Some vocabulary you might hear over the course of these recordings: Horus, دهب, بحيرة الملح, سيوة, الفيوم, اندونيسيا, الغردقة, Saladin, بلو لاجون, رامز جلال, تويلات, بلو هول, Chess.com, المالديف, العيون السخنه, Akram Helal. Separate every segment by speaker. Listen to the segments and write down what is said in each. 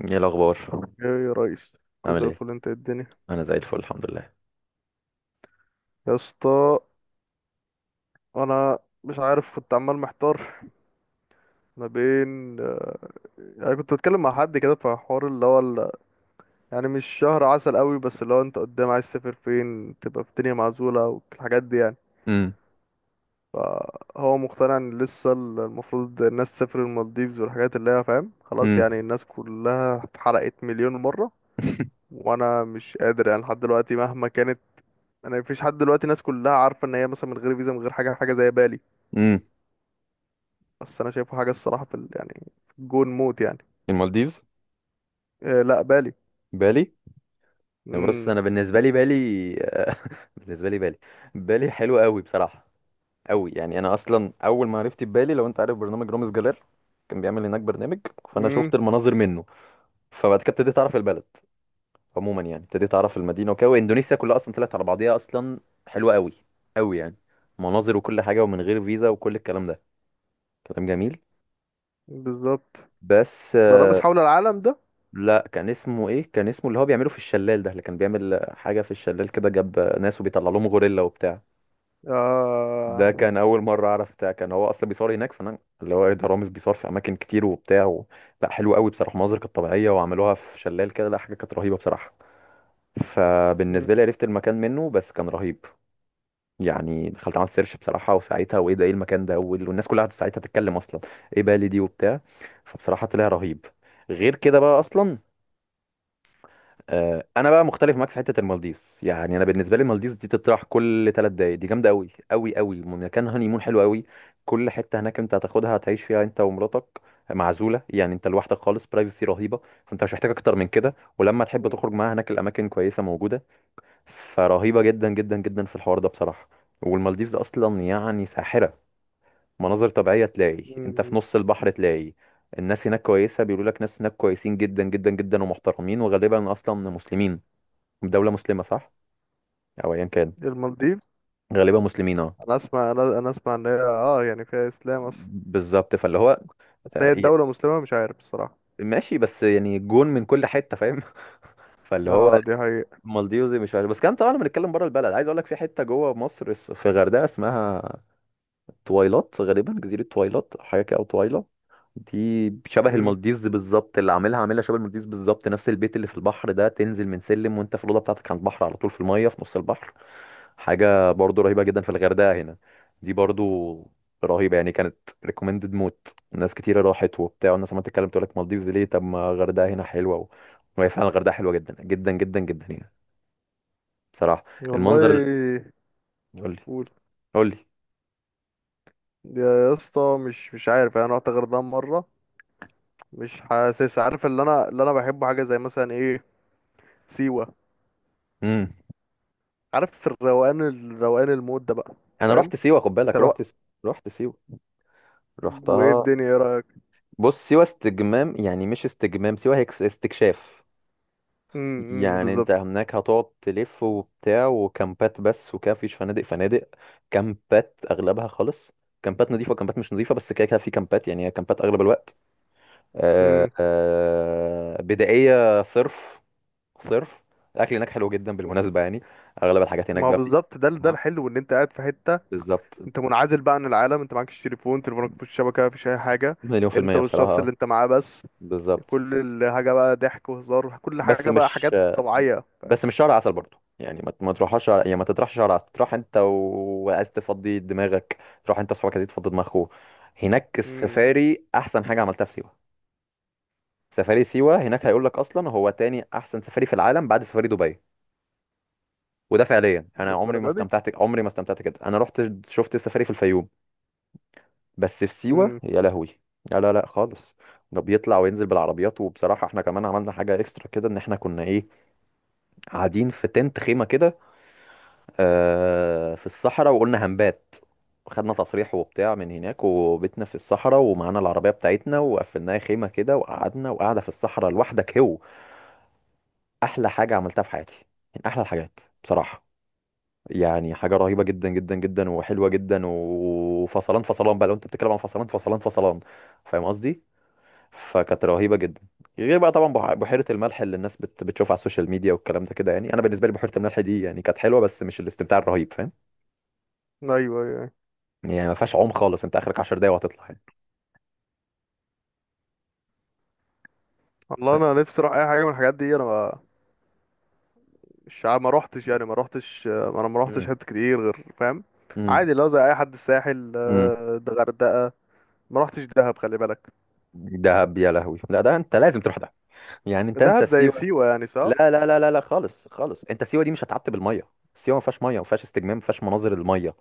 Speaker 1: ايه الاخبار؟
Speaker 2: ايه يا ريس، كوز
Speaker 1: عامل ايه؟
Speaker 2: الفل؟ انت إيه الدنيا؟
Speaker 1: انا زي الفل الحمد لله.
Speaker 2: يا اسطى، انا مش عارف، كنت عمال محتار ما بين يعني كنت بتكلم مع حد كده في حوار اللي هو يعني مش شهر عسل قوي، بس اللي هو انت قدام عايز تسافر فين؟ تبقى في الدنيا معزولة والحاجات دي يعني.
Speaker 1: امم.
Speaker 2: فهو مقتنع ان لسه المفروض الناس تسافر المالديفز والحاجات اللي هي فاهم، خلاص
Speaker 1: امم.
Speaker 2: يعني الناس كلها اتحرقت مليون مرة. وانا مش قادر يعني لحد دلوقتي مهما كانت. انا مفيش حد دلوقتي، الناس كلها عارفه ان هي مثلا من غير فيزا، من غير حاجه، زي بالي.
Speaker 1: امم.
Speaker 2: بس انا شايفه حاجه الصراحه في يعني في الجون موت يعني.
Speaker 1: المالديف.
Speaker 2: إيه، لا، بالي.
Speaker 1: بالي. بص
Speaker 2: امم.
Speaker 1: انا بالنسبه لي بالي. بالنسبه لي بالي. بالي حلو قوي بصراحه. قوي يعني، انا اصلا اول ما عرفت بالي، لو انت عارف برنامج رامز جلال كان بيعمل هناك برنامج، فانا
Speaker 2: امم.
Speaker 1: شفت المناظر منه. فبعد كده ابتديت اعرف البلد عموما، يعني ابتديت اعرف المدينه وكده، واندونيسيا كلها اصلا طلعت على بعضيها اصلا. حلوه قوي، قوي يعني، مناظر وكل حاجه ومن غير فيزا وكل الكلام ده. كلام جميل.
Speaker 2: بالظبط.
Speaker 1: بس
Speaker 2: ده رامز حول العالم ده؟
Speaker 1: لا، كان اسمه ايه، كان اسمه اللي هو بيعمله في الشلال ده، اللي كان بيعمل حاجه في الشلال كده جاب ناس وبيطلع لهم غوريلا وبتاع.
Speaker 2: آه.
Speaker 1: ده كان اول مره اعرف بتاع، كان هو اصلا بيصور هناك، فانا اللي هو ايه، ده رامز بيصور في اماكن كتير وبتاع و. لا حلو قوي بصراحه، المناظر كانت طبيعيه وعملوها في شلال كده. لا، حاجه كانت رهيبه بصراحه. فبالنسبه لي
Speaker 2: مم.
Speaker 1: عرفت المكان منه، بس كان رهيب. يعني دخلت عملت سيرش بصراحه، وساعتها وايه ده ايه المكان ده، وال- والناس كلها قعدت ساعتها تتكلم اصلا ايه بالي دي وبتاع. فبصراحه طلع رهيب. غير كده بقى اصلا، انا بقى مختلف معاك في حته المالديف. يعني انا بالنسبه لي المالديف دي تطرح كل ثلاث دقايق، دي جامده قوي قوي قوي، مكان هاني مون حلو قوي. كل حته هناك انت هتاخدها هتعيش فيها انت ومراتك، معزوله يعني، انت لوحدك خالص، برايفسي رهيبه. فانت مش محتاج اكتر من كده، ولما تحب
Speaker 2: مم.
Speaker 1: تخرج معاها هناك الاماكن كويسه موجوده. فرهيبه جدا جدا جدا في الحوار ده بصراحه. والمالديفز اصلا يعني ساحره، مناظر طبيعيه، تلاقي انت في
Speaker 2: مم.
Speaker 1: نص البحر تلاقي. الناس هناك كويسه، بيقولوا لك ناس هناك كويسين جدا جدا جدا ومحترمين، وغالبا اصلا مسلمين. دولة مسلمة صح؟ أو أيا كان.
Speaker 2: المالديف.
Speaker 1: غالبا مسلمين اه.
Speaker 2: انا اسمع، انا اسمع ان هي اه يعني فيها اسلام اصلا.
Speaker 1: بالظبط، فاللي هو
Speaker 2: بس
Speaker 1: آه،
Speaker 2: هي
Speaker 1: يا-
Speaker 2: الدوله مسلمه مش عارف الصراحه.
Speaker 1: ماشي بس يعني جون من كل حتة، فاهم؟ فاللي هو
Speaker 2: اه دي حقيقه.
Speaker 1: مالديوزي مش عارف، بس كان طبعا بنتكلم بره البلد. عايز أقول لك في حتة جوه مصر، في غردقة اسمها تويلات، غالبا جزيرة تويلات حاجة كده، أو تويلا. دي شبه
Speaker 2: امم.
Speaker 1: المالديفز بالظبط، اللي عاملها عاملها شبه المالديفز بالظبط، نفس البيت اللي في البحر ده، تنزل من سلم وانت في الأوضة بتاعتك على البحر على طول في المية في نص البحر. حاجة برضو رهيبة جدا في الغردقة هنا دي برضو. رهيبة يعني كانت. ريكومندد موت، ناس كتيرة راحت وبتاع، والناس عمالة تتكلم تقول لك مالديفز ليه، طب ما الغردقة هنا حلوة و. وهي فعلا الغردقة حلوة جدا جدا جدا جدا هنا بصراحة. المنظر
Speaker 2: والله.
Speaker 1: قول لي.
Speaker 2: قول.
Speaker 1: قول لي.
Speaker 2: يا اسطى، مش عارف يعني، انا رحت غردقه مره، مش حاسس، عارف؟ اللي انا، اللي انا بحبه حاجه زي مثلا ايه؟ سيوه.
Speaker 1: امم.
Speaker 2: عارف الروقان، الروقان، المود ده بقى؟
Speaker 1: انا
Speaker 2: فاهم؟
Speaker 1: رحت سيوة خد
Speaker 2: انت
Speaker 1: بالك،
Speaker 2: الوقت.
Speaker 1: رحت، رحت سيوة،
Speaker 2: وايه
Speaker 1: رحتها.
Speaker 2: الدنيا؟ ايه رايك؟
Speaker 1: بص سيوة استجمام، يعني مش استجمام، سيوة هي استكشاف
Speaker 2: امم،
Speaker 1: يعني انت
Speaker 2: بالظبط.
Speaker 1: هناك هتقعد تلف وبتاع، وكامبات بس وكده، مفيش فنادق. فنادق كامبات اغلبها خالص. كامبات نظيفة وكامبات مش نظيفة، بس كده كده في كامبات، يعني هي كامبات اغلب الوقت. آه
Speaker 2: امم.
Speaker 1: آه، بدائية صرف، صرف. الاكل هناك حلو جدا بالمناسبة، يعني اغلب الحاجات هناك
Speaker 2: ما هو
Speaker 1: بقى
Speaker 2: بالظبط، ده ده
Speaker 1: آه،
Speaker 2: الحلو، ان انت قاعد في حته.
Speaker 1: بالظبط
Speaker 2: انت منعزل بقى عن العالم، انت معكش تليفون، تليفونك مفيش شبكه، مفيش اي حاجه.
Speaker 1: مليون في
Speaker 2: انت
Speaker 1: المية بصراحة،
Speaker 2: والشخص اللي انت معاه بس.
Speaker 1: بالظبط
Speaker 2: كل الحاجه بقى ضحك وهزار، كل
Speaker 1: بس
Speaker 2: حاجه بقى
Speaker 1: مش
Speaker 2: حاجات طبيعيه.
Speaker 1: بس مش شهر عسل برضو، يعني ما يعني ما تطرحش شهر عسل، تروح انت وعايز تفضي دماغك، تروح انت واصحابك عايزين تفضي دماغكوا. هناك
Speaker 2: امم.
Speaker 1: السفاري احسن حاجه عملتها في سيوه. سفاري سيوه، هناك هيقول لك اصلا هو تاني احسن سفاري في العالم بعد سفاري دبي. وده فعليا، انا عمري ما
Speaker 2: للدرجه دي؟
Speaker 1: استمتعت، عمري ما استمتعت كده. انا رحت شفت السفاري في الفيوم، بس في سيوه
Speaker 2: امم.
Speaker 1: يا لهوي، لا لا لا خالص. ده بيطلع وينزل بالعربيات، وبصراحه احنا كمان عملنا حاجه اكسترا كده، ان احنا كنا ايه، قاعدين في تنت خيمه كده، في الصحراء، وقلنا هنبات، خدنا تصريح وبتاع من هناك، وبيتنا في الصحراء ومعانا العربية بتاعتنا وقفلناها خيمة كده، وقعدنا وقاعدة في الصحراء لوحدك هو. أحلى حاجة عملتها في حياتي، من أحلى الحاجات بصراحة. يعني حاجة رهيبة جدا جدا جدا وحلوة جدا، وفصلان فصلان بقى، لو أنت بتتكلم عن فصلان فصلان فصلان. فاهم قصدي؟ فكانت رهيبة جدا. غير بقى طبعا بحيرة الملح، اللي الناس بتشوفها على السوشيال ميديا والكلام ده كده، يعني أنا بالنسبة لي بحيرة الملح دي يعني كانت حلوة، بس مش الاستمتاع الرهيب. فاهم؟
Speaker 2: ايوه، ايوه، أيوة.
Speaker 1: يعني ما فيهاش عوم خالص، انت اخرك 10 دقايق وهتطلع يعني.
Speaker 2: والله
Speaker 1: لا.
Speaker 2: انا نفسي اروح اي حاجه من الحاجات دي. انا الشعب ما روحتش يعني، ما روحتش، ما انا ما روحتش
Speaker 1: امم.
Speaker 2: حتت كتير غير، فاهم؟
Speaker 1: امم.
Speaker 2: عادي لو زي اي حد، الساحل
Speaker 1: امم.
Speaker 2: آه، ده غردقة. ما روحتش دهب، خلي بالك.
Speaker 1: دهب يا لهوي، لا، ده انت لازم تروح دهب، يعني انت انسى
Speaker 2: دهب زي
Speaker 1: سيوه.
Speaker 2: سيوة يعني،
Speaker 1: لا
Speaker 2: صح؟
Speaker 1: لا لا لا لا خالص خالص، انت سيوه دي مش هتعتب الميه، سيوه ما فيهاش ميه، ما فيهاش استجمام، ما فيهاش مناظر الميه،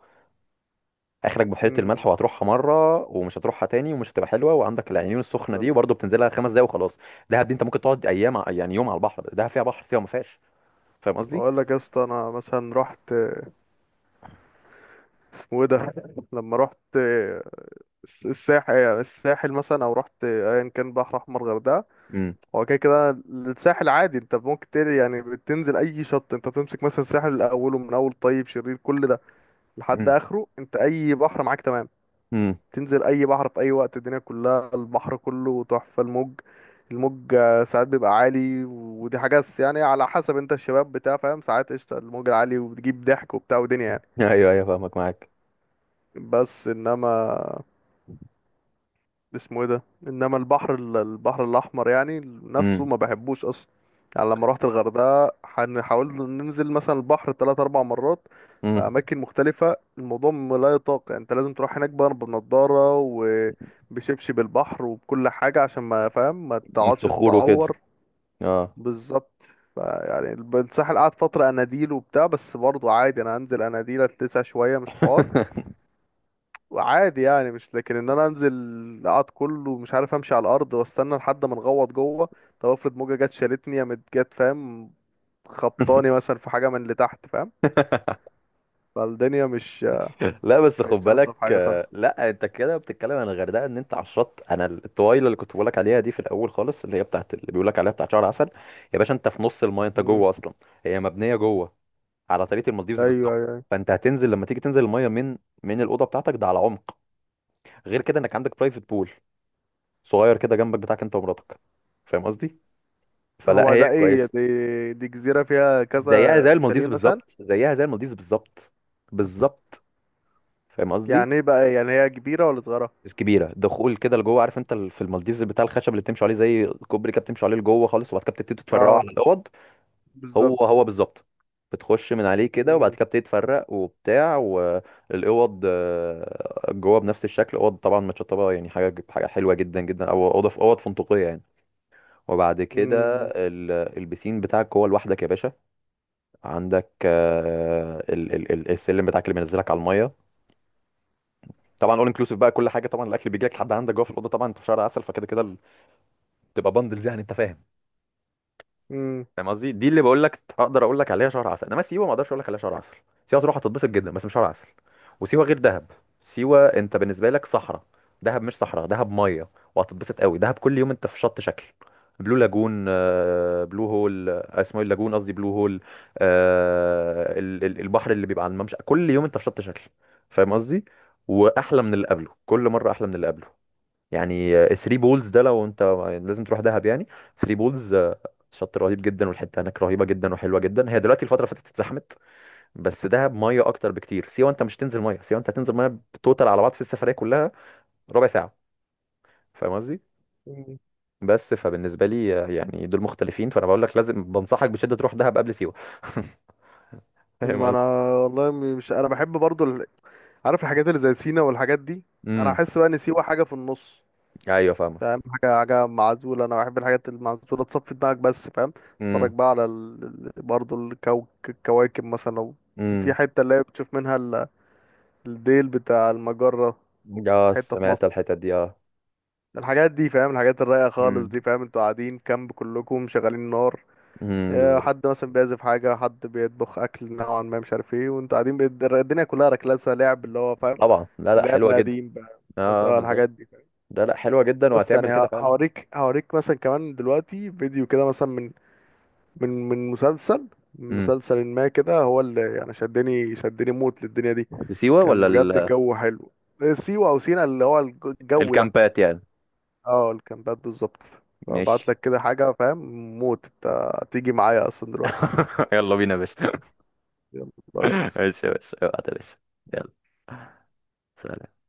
Speaker 1: اخرك بحيره الملح
Speaker 2: امم،
Speaker 1: وهتروحها مره ومش هتروحها تاني، ومش هتبقى حلوه، وعندك العيون السخنه دي،
Speaker 2: بالظبط.
Speaker 1: وبرضه بتنزلها خمس دقايق وخلاص. دهب دي انت ممكن تقعد ايام يعني يوم على البحر، دهب فيها بحر، سيوه ما فيهاش. فاهم قصدي.
Speaker 2: اقول لك يا اسطى، انا مثلا رحت آه، اسمه ايه ده؟ لما رحت آه، الساحل، يعني الساحل مثلا، او رحت ايا كان، بحر احمر، غردقه.
Speaker 1: امم.
Speaker 2: هو كده كده الساحل عادي، انت ممكن تل، يعني بتنزل اي شط، انت بتمسك مثلا الساحل من اوله، من اول طيب شرير كل ده لحد
Speaker 1: امم.
Speaker 2: اخره، انت اي بحر معاك، تمام؟
Speaker 1: امم.
Speaker 2: تنزل اي بحر في اي وقت، الدنيا كلها البحر كله تحفة. الموج، الموج آه، ساعات بيبقى عالي، ودي حاجة يعني على حسب، انت الشباب بتاع فاهم، ساعات قشطة الموج العالي، وبتجيب ضحك وبتاع ودنيا يعني.
Speaker 1: ايوه ايوه فاهمك معاك.
Speaker 2: بس انما اسمه ايه ده، انما البحر البحر الاحمر يعني نفسه
Speaker 1: امم.
Speaker 2: ما بحبوش اصلا. يعني لما روحت الغردقه، حاولت ننزل مثلا البحر ثلاث اربع مرات في
Speaker 1: امم.
Speaker 2: اماكن مختلفه، الموضوع لا يطاق، يعني انت لازم تروح هناك بقى بنضاره وبشبشب البحر وبكل حاجه، عشان ما فاهم، ما تقعدش
Speaker 1: الصخور وكده.
Speaker 2: تتعور.
Speaker 1: اه.
Speaker 2: بالظبط. فيعني الساحل قعد فتره اناديل وبتاع، بس برضه عادي، انا هنزل اناديل اتلسع شويه، مش حوار. عادي، يعني مش لكن ان انا انزل اقعد كله مش عارف امشي على الارض واستنى لحد ما نغوط جوه. طب افرض موجه جت شالتني، يا مت جت، فاهم؟ خبطاني مثلا في حاجه من اللي تحت، فاهم؟ فالدنيا مش
Speaker 1: لا، بس خد
Speaker 2: كانتش الطف
Speaker 1: بالك،
Speaker 2: حاجه خالص.
Speaker 1: لا انت كده بتتكلم عن الغردقه ان انت على الشط، انا الطويله اللي كنت بقول لك عليها دي، في الاول خالص، اللي هي بتاعت، اللي بيقول لك عليها بتاعت شهر عسل. يا باشا، انت في نص المايه، انت
Speaker 2: امم.
Speaker 1: جوه اصلا. هي مبنيه جوه على طريقه المالديفز
Speaker 2: ايوه،
Speaker 1: بالظبط.
Speaker 2: ايوه.
Speaker 1: فانت هتنزل لما تيجي تنزل المايه من الاوضه بتاعتك ده على عمق. غير كده انك عندك برايفت بول صغير كده جنبك بتاعك انت ومراتك. فاهم قصدي. فلا
Speaker 2: هو
Speaker 1: هي
Speaker 2: ده ايه؟
Speaker 1: كويسه.
Speaker 2: دي جزيره فيها كذا
Speaker 1: زيها زي المالديفز
Speaker 2: شاليه مثلا؟
Speaker 1: بالظبط، زيها زي المالديفز بالظبط، بالظبط. فاهم قصدي.
Speaker 2: يعني ايه بقى؟ يعني هي كبيره ولا صغيره؟
Speaker 1: الكبيره دخول كده لجوه، عارف انت في المالديفز بتاع الخشب اللي بتمشوا عليه زي الكوبري كده، بتمشوا عليه لجوه خالص، وبعد كده بتبتدي تفرقوا
Speaker 2: اه،
Speaker 1: على الاوض. هو
Speaker 2: بالظبط.
Speaker 1: هو بالظبط. بتخش من عليه كده، وبعد
Speaker 2: امم.
Speaker 1: كده بتبتدي تفرق وبتاع، والاوض جوه بنفس الشكل، اوض طبعا متشطبه، يعني حاجه حاجه حلوه جدا جدا، او اوضه في اوض فندقيه يعني. وبعد كده
Speaker 2: امم.
Speaker 1: البسين بتاعك جوه لوحدك يا باشا. عندك السلم بتاعك اللي بينزلك على الميه. طبعا اول انكلوسيف بقى، كل حاجه طبعا الاكل بيجي لك لحد عندك جوه في الاوضه، طبعا انت في شهر عسل فكده كده، تبقى بندلز يعني، انت فاهم.
Speaker 2: امم.
Speaker 1: فاهم قصدي. دي اللي بقول لك اقدر اقول لك عليها شهر عسل، انما سيوه ما اقدرش اقول لك عليها شهر عسل. سيوه تروح هتتبسط جدا، بس مش شهر عسل. وسيوه غير دهب. سيوه انت بالنسبه لك صحراء، دهب مش صحراء، دهب ميه. وهتتبسط قوي، دهب كل يوم انت في شط شكل. بلو لاجون، بلو هول، اسمه إيه، اللاجون قصدي بلو هول. البحر اللي بيبقى على الممشى، كل يوم انت في شط شكل. فاهم قصدي. واحلى من اللي قبله، كل مره احلى من اللي قبله. يعني 3 بولز، ده لو انت لازم تروح دهب يعني. 3 بولز شط رهيب جدا، والحته هناك رهيبه جدا وحلوه جدا، هي دلوقتي الفتره اللي فاتت اتزحمت. بس دهب ميه اكتر بكتير، سيوه انت مش تنزل ميه، سيوه انت هتنزل ميه توتال على بعض في السفريه كلها ربع ساعه. فاهم قصدي.
Speaker 2: امم.
Speaker 1: بس فبالنسبه لي يعني دول مختلفين، فانا بقول لك لازم، بنصحك بشده تروح دهب قبل سيوه. فاهم
Speaker 2: ما انا
Speaker 1: قصدي.
Speaker 2: والله مش، انا بحب برضو، عارف، الحاجات اللي زي سينا والحاجات دي. انا
Speaker 1: امم.
Speaker 2: احس بقى ان سيوة حاجه في النص،
Speaker 1: ايوه فاهمك.
Speaker 2: فاهم؟ حاجه، حاجه معزوله، انا بحب الحاجات المعزوله تصفي دماغك بس، فاهم؟ اتفرج
Speaker 1: امم.
Speaker 2: بقى على برضو الكواكب مثلا، لو في
Speaker 1: امم.
Speaker 2: حته اللي هي بتشوف منها الديل بتاع المجره،
Speaker 1: اه
Speaker 2: حته في
Speaker 1: سمعت
Speaker 2: مصر.
Speaker 1: الحتت دي اه.
Speaker 2: الحاجات دي فاهم، الحاجات الرايقه خالص
Speaker 1: امم.
Speaker 2: دي، فاهم؟ انتوا قاعدين كامب، كلكم شغالين نار،
Speaker 1: امم.
Speaker 2: آه،
Speaker 1: بالظبط.
Speaker 2: حد مثلا بيعزف حاجه، حد بيطبخ اكل نوعا ما مش عارف ايه، وانتوا قاعدين الدنيا كلها ركلاسه، لعب اللي هو فاهم،
Speaker 1: طبعا لا لا
Speaker 2: اللعب
Speaker 1: حلوه جدا.
Speaker 2: القديم بقى.
Speaker 1: اه
Speaker 2: اه،
Speaker 1: بالظبط.
Speaker 2: الحاجات دي.
Speaker 1: لا لا حلوه جدا
Speaker 2: بس
Speaker 1: وهتعمل
Speaker 2: يعني
Speaker 1: كده فعلا.
Speaker 2: هوريك، مثلا كمان دلوقتي فيديو كده مثلا من من مسلسل، من
Speaker 1: امم.
Speaker 2: مسلسل ما كده، هو اللي يعني شدني، موت للدنيا دي.
Speaker 1: سيوه
Speaker 2: كان
Speaker 1: ولا
Speaker 2: بجد الجو حلو. سيوة او سينا، اللي هو الجو ده.
Speaker 1: الكامبات يعني.
Speaker 2: اه، الكامبات بالظبط. ابعت
Speaker 1: ماشي.
Speaker 2: لك كده حاجة، فاهم؟ موت. انت تيجي معايا اصلا دلوقتي؟
Speaker 1: يلا بينا يا باشا.
Speaker 2: يلا يا ريس.
Speaker 1: ماشي يا باشا، ابعت يا باشا. يلا. سلام.